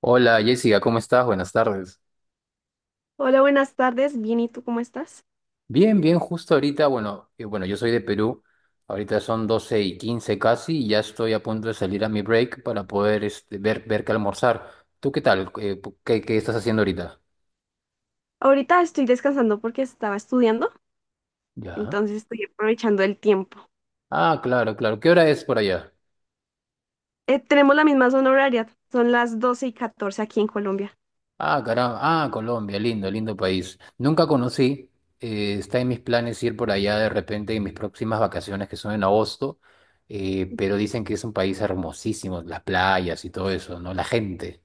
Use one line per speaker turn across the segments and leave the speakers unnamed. Hola Jessica, ¿cómo estás? Buenas tardes.
Hola, buenas tardes. Bien, ¿y tú cómo estás?
Bien, bien, justo ahorita, bueno, yo soy de Perú, ahorita son 12:15 casi y ya estoy a punto de salir a mi break para poder ver qué almorzar. ¿Tú qué tal? ¿Qué estás haciendo ahorita?
Ahorita estoy descansando porque estaba estudiando,
Ya.
entonces estoy aprovechando el tiempo.
Ah, claro, claro. ¿Qué hora es por allá?
Tenemos la misma zona horaria, son las 12:14 aquí en Colombia.
Ah, caramba. Ah, Colombia, lindo, lindo país. Nunca conocí. Está en mis planes ir por allá de repente en mis próximas vacaciones, que son en agosto. Pero dicen que es un país hermosísimo, las playas y todo eso, ¿no? La gente.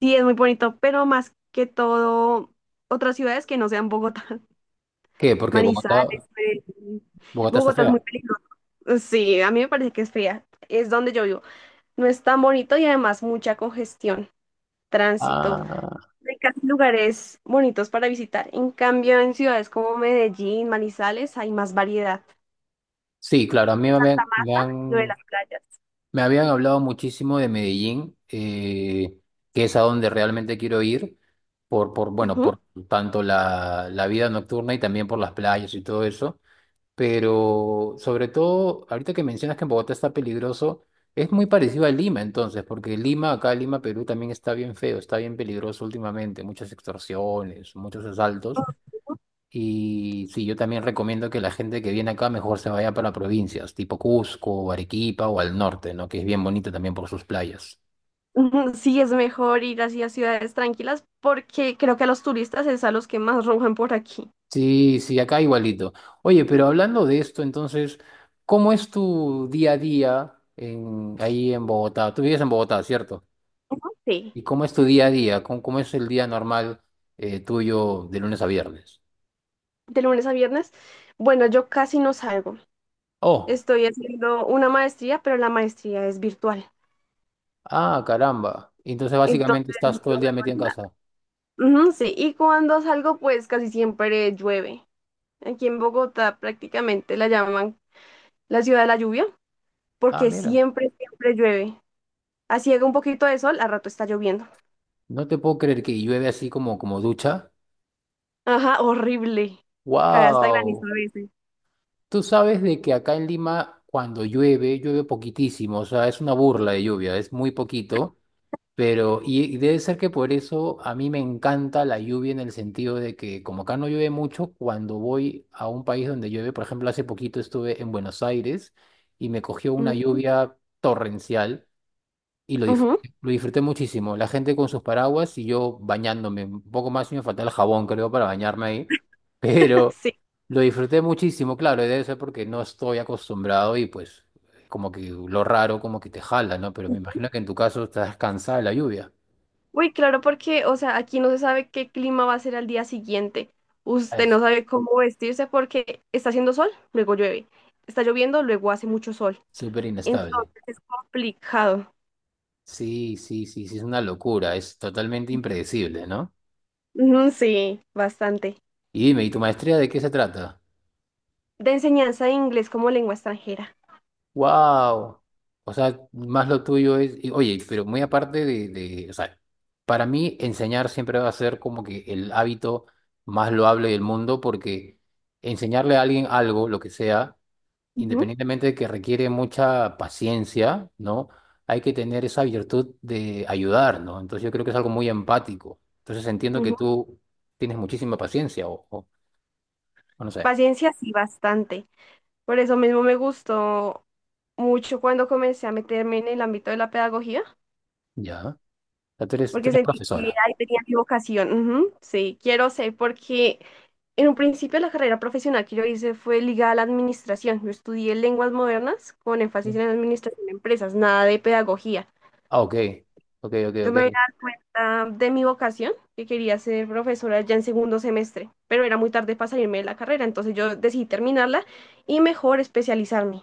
Sí, es muy bonito, pero más que todo, otras ciudades que no sean Bogotá,
¿Qué? Porque Bogotá,
Manizales, Medellín.
Bogotá está
Bogotá es
fea.
muy peligroso. Sí, a mí me parece que es fría. Es donde yo vivo. No es tan bonito y además mucha congestión, tránsito.
Ah,
Hay casi lugares bonitos para visitar. En cambio, en ciudades como Medellín, Manizales, hay más variedad.
sí, claro, a mí
Mata, mata, lo de las playas.
me habían hablado muchísimo de Medellín, que es a donde realmente quiero ir, por, por, bueno,
Ujú.
por tanto la vida nocturna y también por las playas y todo eso. Pero sobre todo, ahorita que mencionas que en Bogotá está peligroso, es muy parecido a Lima entonces, porque Lima, acá Lima, Perú también está bien feo, está bien peligroso últimamente, muchas extorsiones, muchos asaltos. Y sí, yo también recomiendo que la gente que viene acá mejor se vaya para provincias, tipo Cusco, Arequipa o al norte, ¿no? Que es bien bonito también por sus playas.
Ujú, sí, es mejor ir hacia ciudades tranquilas porque creo que a los turistas es a los que más roban por aquí.
Sí, sí, acá igualito. Oye, pero hablando de esto, entonces, ¿cómo es tu día a día en, ahí en Bogotá? Tú vives en Bogotá, ¿cierto?
Sí.
¿Y cómo es tu día a día? ¿Cómo, cómo es el día normal tuyo de lunes a viernes?
De lunes a viernes. Bueno, yo casi no salgo.
Oh,
Estoy haciendo una maestría, pero la maestría es virtual.
ah, caramba. Y entonces
Entonces,
básicamente
no
estás todo el día metido
vemos
en
nada.
casa.
Ujú, sí. Y cuando salgo, pues casi siempre llueve. Aquí en Bogotá prácticamente la llaman la ciudad de la lluvia,
Ah,
porque
mira,
siempre, siempre llueve. Así haga un poquito de sol, al rato está lloviendo.
no te puedo creer que llueve así como, como ducha.
Ajá, horrible. Cae hasta granizo
Wow.
a veces.
Tú sabes de que acá en Lima cuando llueve, llueve poquitísimo, o sea, es una burla de lluvia, es muy poquito. Pero, y, debe ser que por eso a mí me encanta la lluvia en el sentido de que como acá no llueve mucho, cuando voy a un país donde llueve, por ejemplo, hace poquito estuve en Buenos Aires y me cogió una
Mm,
lluvia torrencial y
ujú,
lo disfruté muchísimo. La gente con sus paraguas y yo bañándome, un poco más y me faltaba el jabón, creo, para bañarme ahí. Pero
sí.
lo disfruté muchísimo, claro, y debe ser porque no estoy acostumbrado y pues como que lo raro como que te jala, ¿no? Pero me imagino que en tu caso estás cansada de la lluvia.
Uy, claro, porque, o sea, aquí no se sabe qué clima va a ser al día siguiente. Usted no
Es
sabe cómo vestirse porque está haciendo sol, luego llueve. Está lloviendo, luego hace mucho sol.
súper inestable.
Entonces es complicado.
Sí, sí, sí, sí, es una locura, es totalmente impredecible, ¿no?
Ujú, sí, bastante.
Y dime, ¿y tu maestría de qué se trata?
De enseñanza de inglés como lengua extranjera.
¡Wow! O sea, más lo tuyo es, y, oye, pero muy aparte de, o sea, para mí enseñar siempre va a ser como que el hábito más loable del mundo, porque enseñarle a alguien algo, lo que sea,
Ujú,
independientemente de que requiere mucha paciencia, ¿no? Hay que tener esa virtud de ayudar, ¿no? Entonces yo creo que es algo muy empático. Entonces entiendo que
ujú.
tú tienes muchísima paciencia o no sé,
Paciencia, sí, bastante. Por eso mismo me gustó mucho cuando comencé a meterme en el ámbito de la pedagogía,
ya. O sea, tú
porque
eres
sentí que
profesora.
ahí tenía mi vocación. Ujú, sí, quiero ser, porque en un principio la carrera profesional que yo hice fue ligada a la administración. Yo estudié lenguas modernas con énfasis en administración de empresas, nada de pedagogía.
Ah, ok, ok, ok,
Yo me di
ok.
cuenta de mi vocación, que quería ser profesora ya en segundo semestre, pero era muy tarde para salirme de la carrera, entonces yo decidí terminarla y mejor especializarme.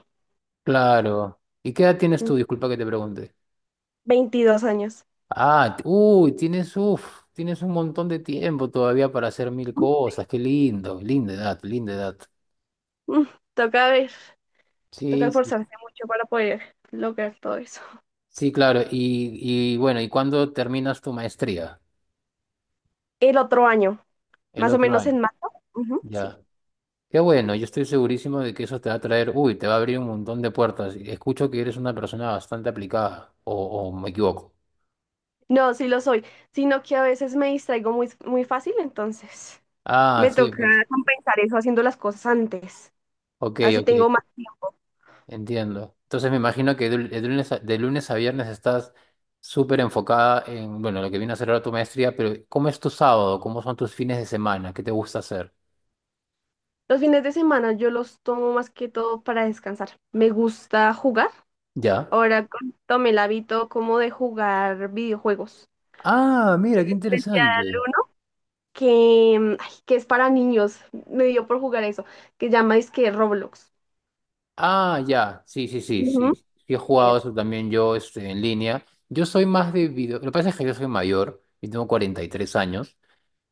Claro. ¿Y qué edad tienes tú? Disculpa que te pregunte.
22 años.
Ah, uy, tienes un montón de tiempo todavía para hacer mil cosas. Qué lindo, linda edad, linda edad.
Mm, Toca ver, toca
Sí, sí.
esforzarse mucho para poder lograr todo eso.
Sí, claro. Y bueno, ¿y cuándo terminas tu maestría?
El otro año,
El
más o
otro
menos
año.
en marzo. Ujú, sí.
Ya. Qué bueno, yo estoy segurísimo de que eso te va a traer, uy, te va a abrir un montón de puertas. Escucho que eres una persona bastante aplicada, o me equivoco.
No, sí lo soy, sino que a veces me distraigo muy, muy fácil, entonces
Ah,
me
sí,
toca
pues.
compensar eso haciendo las cosas antes.
Ok,
Así
ok,
tengo más tiempo.
entiendo. Entonces me imagino que de lunes a viernes estás súper enfocada en, bueno, lo que viene a ser ahora tu maestría, pero ¿cómo es tu sábado? ¿Cómo son tus fines de semana? ¿Qué te gusta hacer?
Los fines de semana yo los tomo más que todo para descansar. Me gusta jugar.
Ya.
Ahora tomé el hábito como de jugar videojuegos.
Ah, mira, qué
Especial
interesante.
que es para niños. Me dio por jugar eso, que llama que Roblox.
Ah, ya, sí, sí, sí, sí,
Ujú.
sí he jugado
Eso.
eso también yo en línea. Yo soy más de video, lo que pasa es que yo soy mayor, yo tengo 43 años,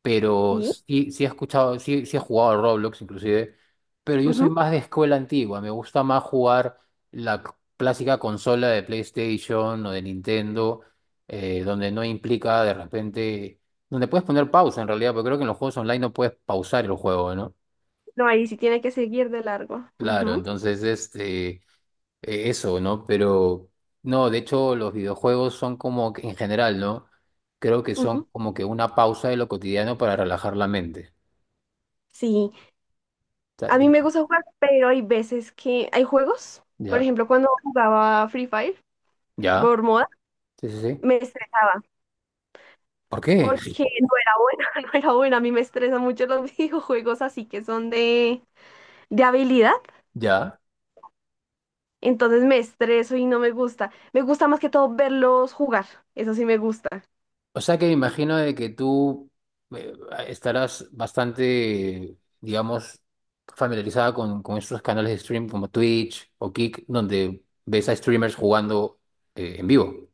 pero
Sí.
sí, sí he escuchado, sí, sí he jugado a Roblox inclusive, pero yo soy
Ujú.
más de escuela antigua, me gusta más jugar la clásica consola de PlayStation o de Nintendo, donde no implica de repente, donde puedes poner pausa en realidad, porque creo que en los juegos online no puedes pausar el juego, ¿no?
No, ahí sí tiene que seguir de largo.
Claro,
Ujú,
entonces eso, ¿no? Pero no, de hecho los videojuegos son como que en general, ¿no? Creo que son
ujú.
como que una pausa de lo cotidiano para relajar la mente.
Sí,
O sea,
a mí me
digo,
gusta jugar, pero hay veces que hay juegos. Por
ya,
ejemplo, cuando jugaba Free Fire por
ya,
moda,
sí, sí, sí.
me estresé
¿Por qué?
porque no era buena, no era buena. A mí me estresan mucho los videojuegos así que son de, habilidad.
Ya.
Entonces me estreso y no me gusta. Me gusta más que todo verlos jugar. Eso sí me gusta.
O sea que me imagino de que tú eh, estarás bastante, digamos, familiarizada con estos canales de stream como Twitch o Kick, donde ves a streamers jugando en vivo.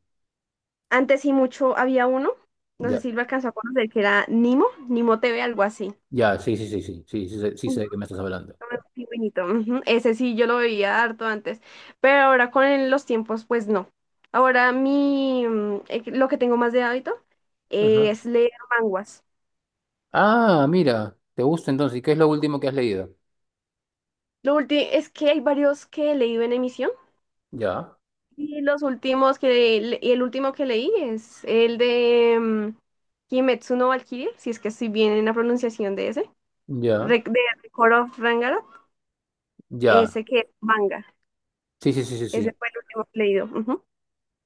Antes sí mucho había uno, no sé
Ya,
si lo alcanzó a conocer, que era Nimo, Nimo TV, algo así.
ya, sí, sí, sí, sí, sí, sí, sí sé
Un
de qué me estás hablando.
pingüinito, ujú. Ese sí yo lo veía harto antes, pero ahora con los tiempos pues no. Ahora lo que tengo más de hábito es leer manguas.
Ah, mira, te gusta entonces. ¿Y qué es lo último que has leído?
Lo último es que hay varios que he leído en emisión
Ya,
y los últimos que le- y el último que leí es el de Kimetsu no Valkyrie, si es que estoy bien en la pronunciación de ese,
ya,
De Record of Ragnarok.
ya.
Ese que es manga.
Sí, sí, sí, sí,
Ese
sí.
fue el último que he leído. Ujú,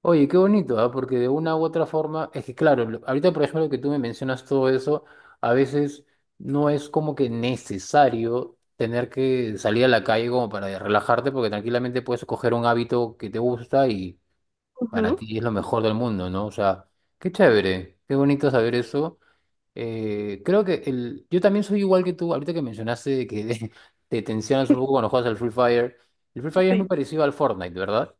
Oye, qué bonito, ¿ah? Porque de una u otra forma, es que claro, ahorita por ejemplo que tú me mencionas todo eso, a veces no es como que necesario tener que salir a la calle como para relajarte, porque tranquilamente puedes coger un hábito que te gusta y para
ujú,
ti es lo mejor del mundo, ¿no? O sea, qué chévere, qué bonito saber eso. Creo que el, yo también soy igual que tú, ahorita que mencionaste que te tensionas un poco cuando juegas al Free Fire. El Free Fire es muy
sí.
parecido al Fortnite, ¿verdad?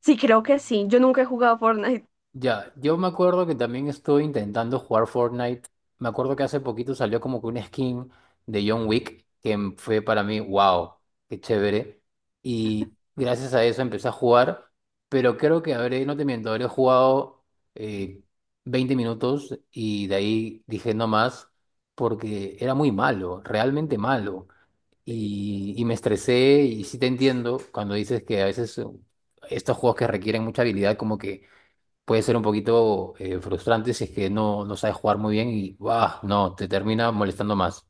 Sí, creo que sí. Yo nunca he jugado Fortnite.
Ya, yo me acuerdo que también estuve intentando jugar Fortnite. Me acuerdo que hace poquito salió como que una skin de John Wick que fue para mí, wow, qué chévere. Y gracias a eso empecé a jugar, pero creo que habré, no te miento, habré jugado eh, 20 minutos y de ahí dije no más porque era muy malo, realmente malo.
Sí.
Y me estresé y sí te entiendo cuando dices que a veces estos juegos que requieren mucha habilidad como que puede ser un poquito frustrante si es que no, no sabes jugar muy bien y ¡buah! No, te termina molestando más.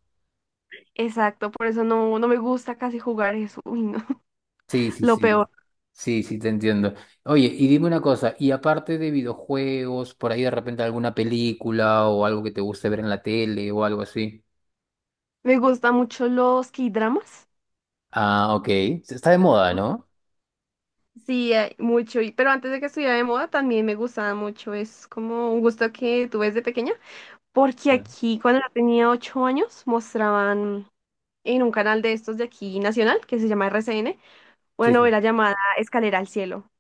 Exacto, por eso no, no me gusta casi jugar eso. Uy, no.
Sí, sí,
Lo
sí.
peor.
Sí, sí, te entiendo. Oye, y dime una cosa, y aparte de videojuegos, por ahí de repente alguna película o algo que te guste ver en la tele o algo así.
Me gustan mucho los K-dramas.
Ah, ok. Está de moda,
¿No?
¿no?
Sí, hay mucho. Pero antes de que estuviera de moda también me gustaba mucho. Es como un gusto que tuve desde pequeña. Porque
Ya.
aquí, cuando yo tenía 8 años, mostraban en un canal de estos de aquí nacional, que se llama RCN, una
Sí, sí.
novela llamada Escalera al Cielo.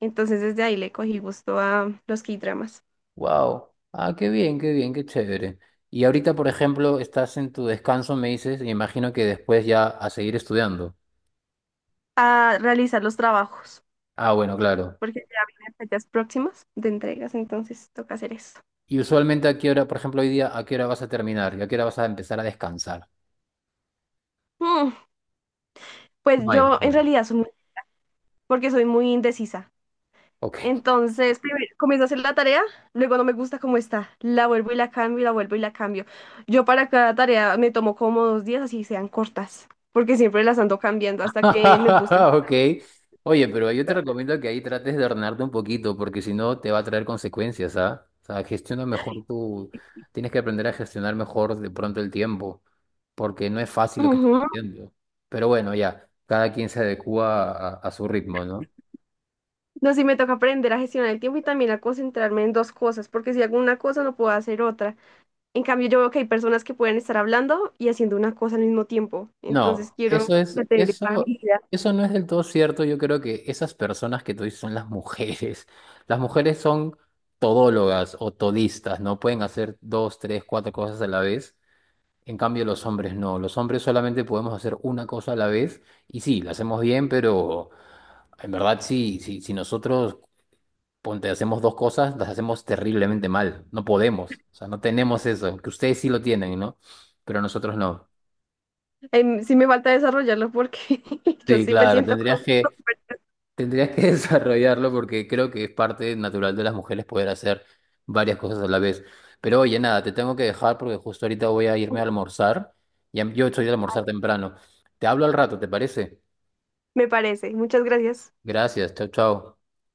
Entonces desde ahí le cogí gusto a los K-dramas,
Wow. Ah, qué bien, qué bien, qué chévere. Y ahorita, por ejemplo, estás en tu descanso, me dices, y imagino que después ya a seguir estudiando.
a realizar los trabajos,
Ah, bueno, claro.
porque ya vienen fechas próximas de entregas, entonces toca hacer eso.
Y usualmente a qué hora, por ejemplo, hoy día, ¿a qué hora vas a terminar? ¿Y a qué hora vas a empezar a descansar?
Mm, pues
No hay.
yo en
Bueno,
realidad soy muy, porque soy muy indecisa.
ok.
Entonces, primero comienzo a hacer la tarea, luego no me gusta cómo está, la vuelvo y la cambio, y la vuelvo y la cambio. Yo para cada tarea me tomo como 2 días, así sean cortas, porque siempre las ando cambiando hasta que me gusten.
Ok. Oye, pero yo te recomiendo que ahí trates de ordenarte un poquito, porque si no te va a traer consecuencias, ¿ah? O sea, gestiona mejor tu... Tienes que aprender a gestionar mejor de pronto el tiempo, porque no es fácil lo que estás
Ujú.
haciendo. Pero bueno, ya, cada quien se adecúa a su ritmo, ¿no?
No, sí me toca aprender a gestionar el tiempo y también a concentrarme en dos cosas, porque si hago una cosa no puedo hacer otra. En cambio, yo veo que hay personas que pueden estar hablando y haciendo una cosa al mismo tiempo. Entonces
No,
quiero
eso es,
ya tener esa
eso,
habilidad.
eso no es del todo cierto. Yo creo que esas personas que tú dices son las mujeres. Las mujeres son todólogas o todistas, ¿no? Pueden hacer dos, tres, cuatro cosas a la vez. En cambio, los hombres no. Los hombres solamente podemos hacer una cosa a la vez. Y sí, la hacemos bien, pero en verdad sí, sí, si nosotros ponte, hacemos dos cosas, las hacemos terriblemente mal. No podemos. O sea, no tenemos eso. Que ustedes sí lo tienen, ¿no? Pero nosotros no.
Sí me falta desarrollarlo porque yo
Sí,
sí me
claro,
siento como...
tendrías que desarrollarlo porque creo que es parte natural de las mujeres poder hacer varias cosas a la vez. Pero oye, nada, te tengo que dejar porque justo ahorita voy a irme a almorzar. Ya, yo estoy de almorzar temprano. Te hablo al rato, ¿te parece?
Me parece. Muchas gracias.
Gracias, chao, chao.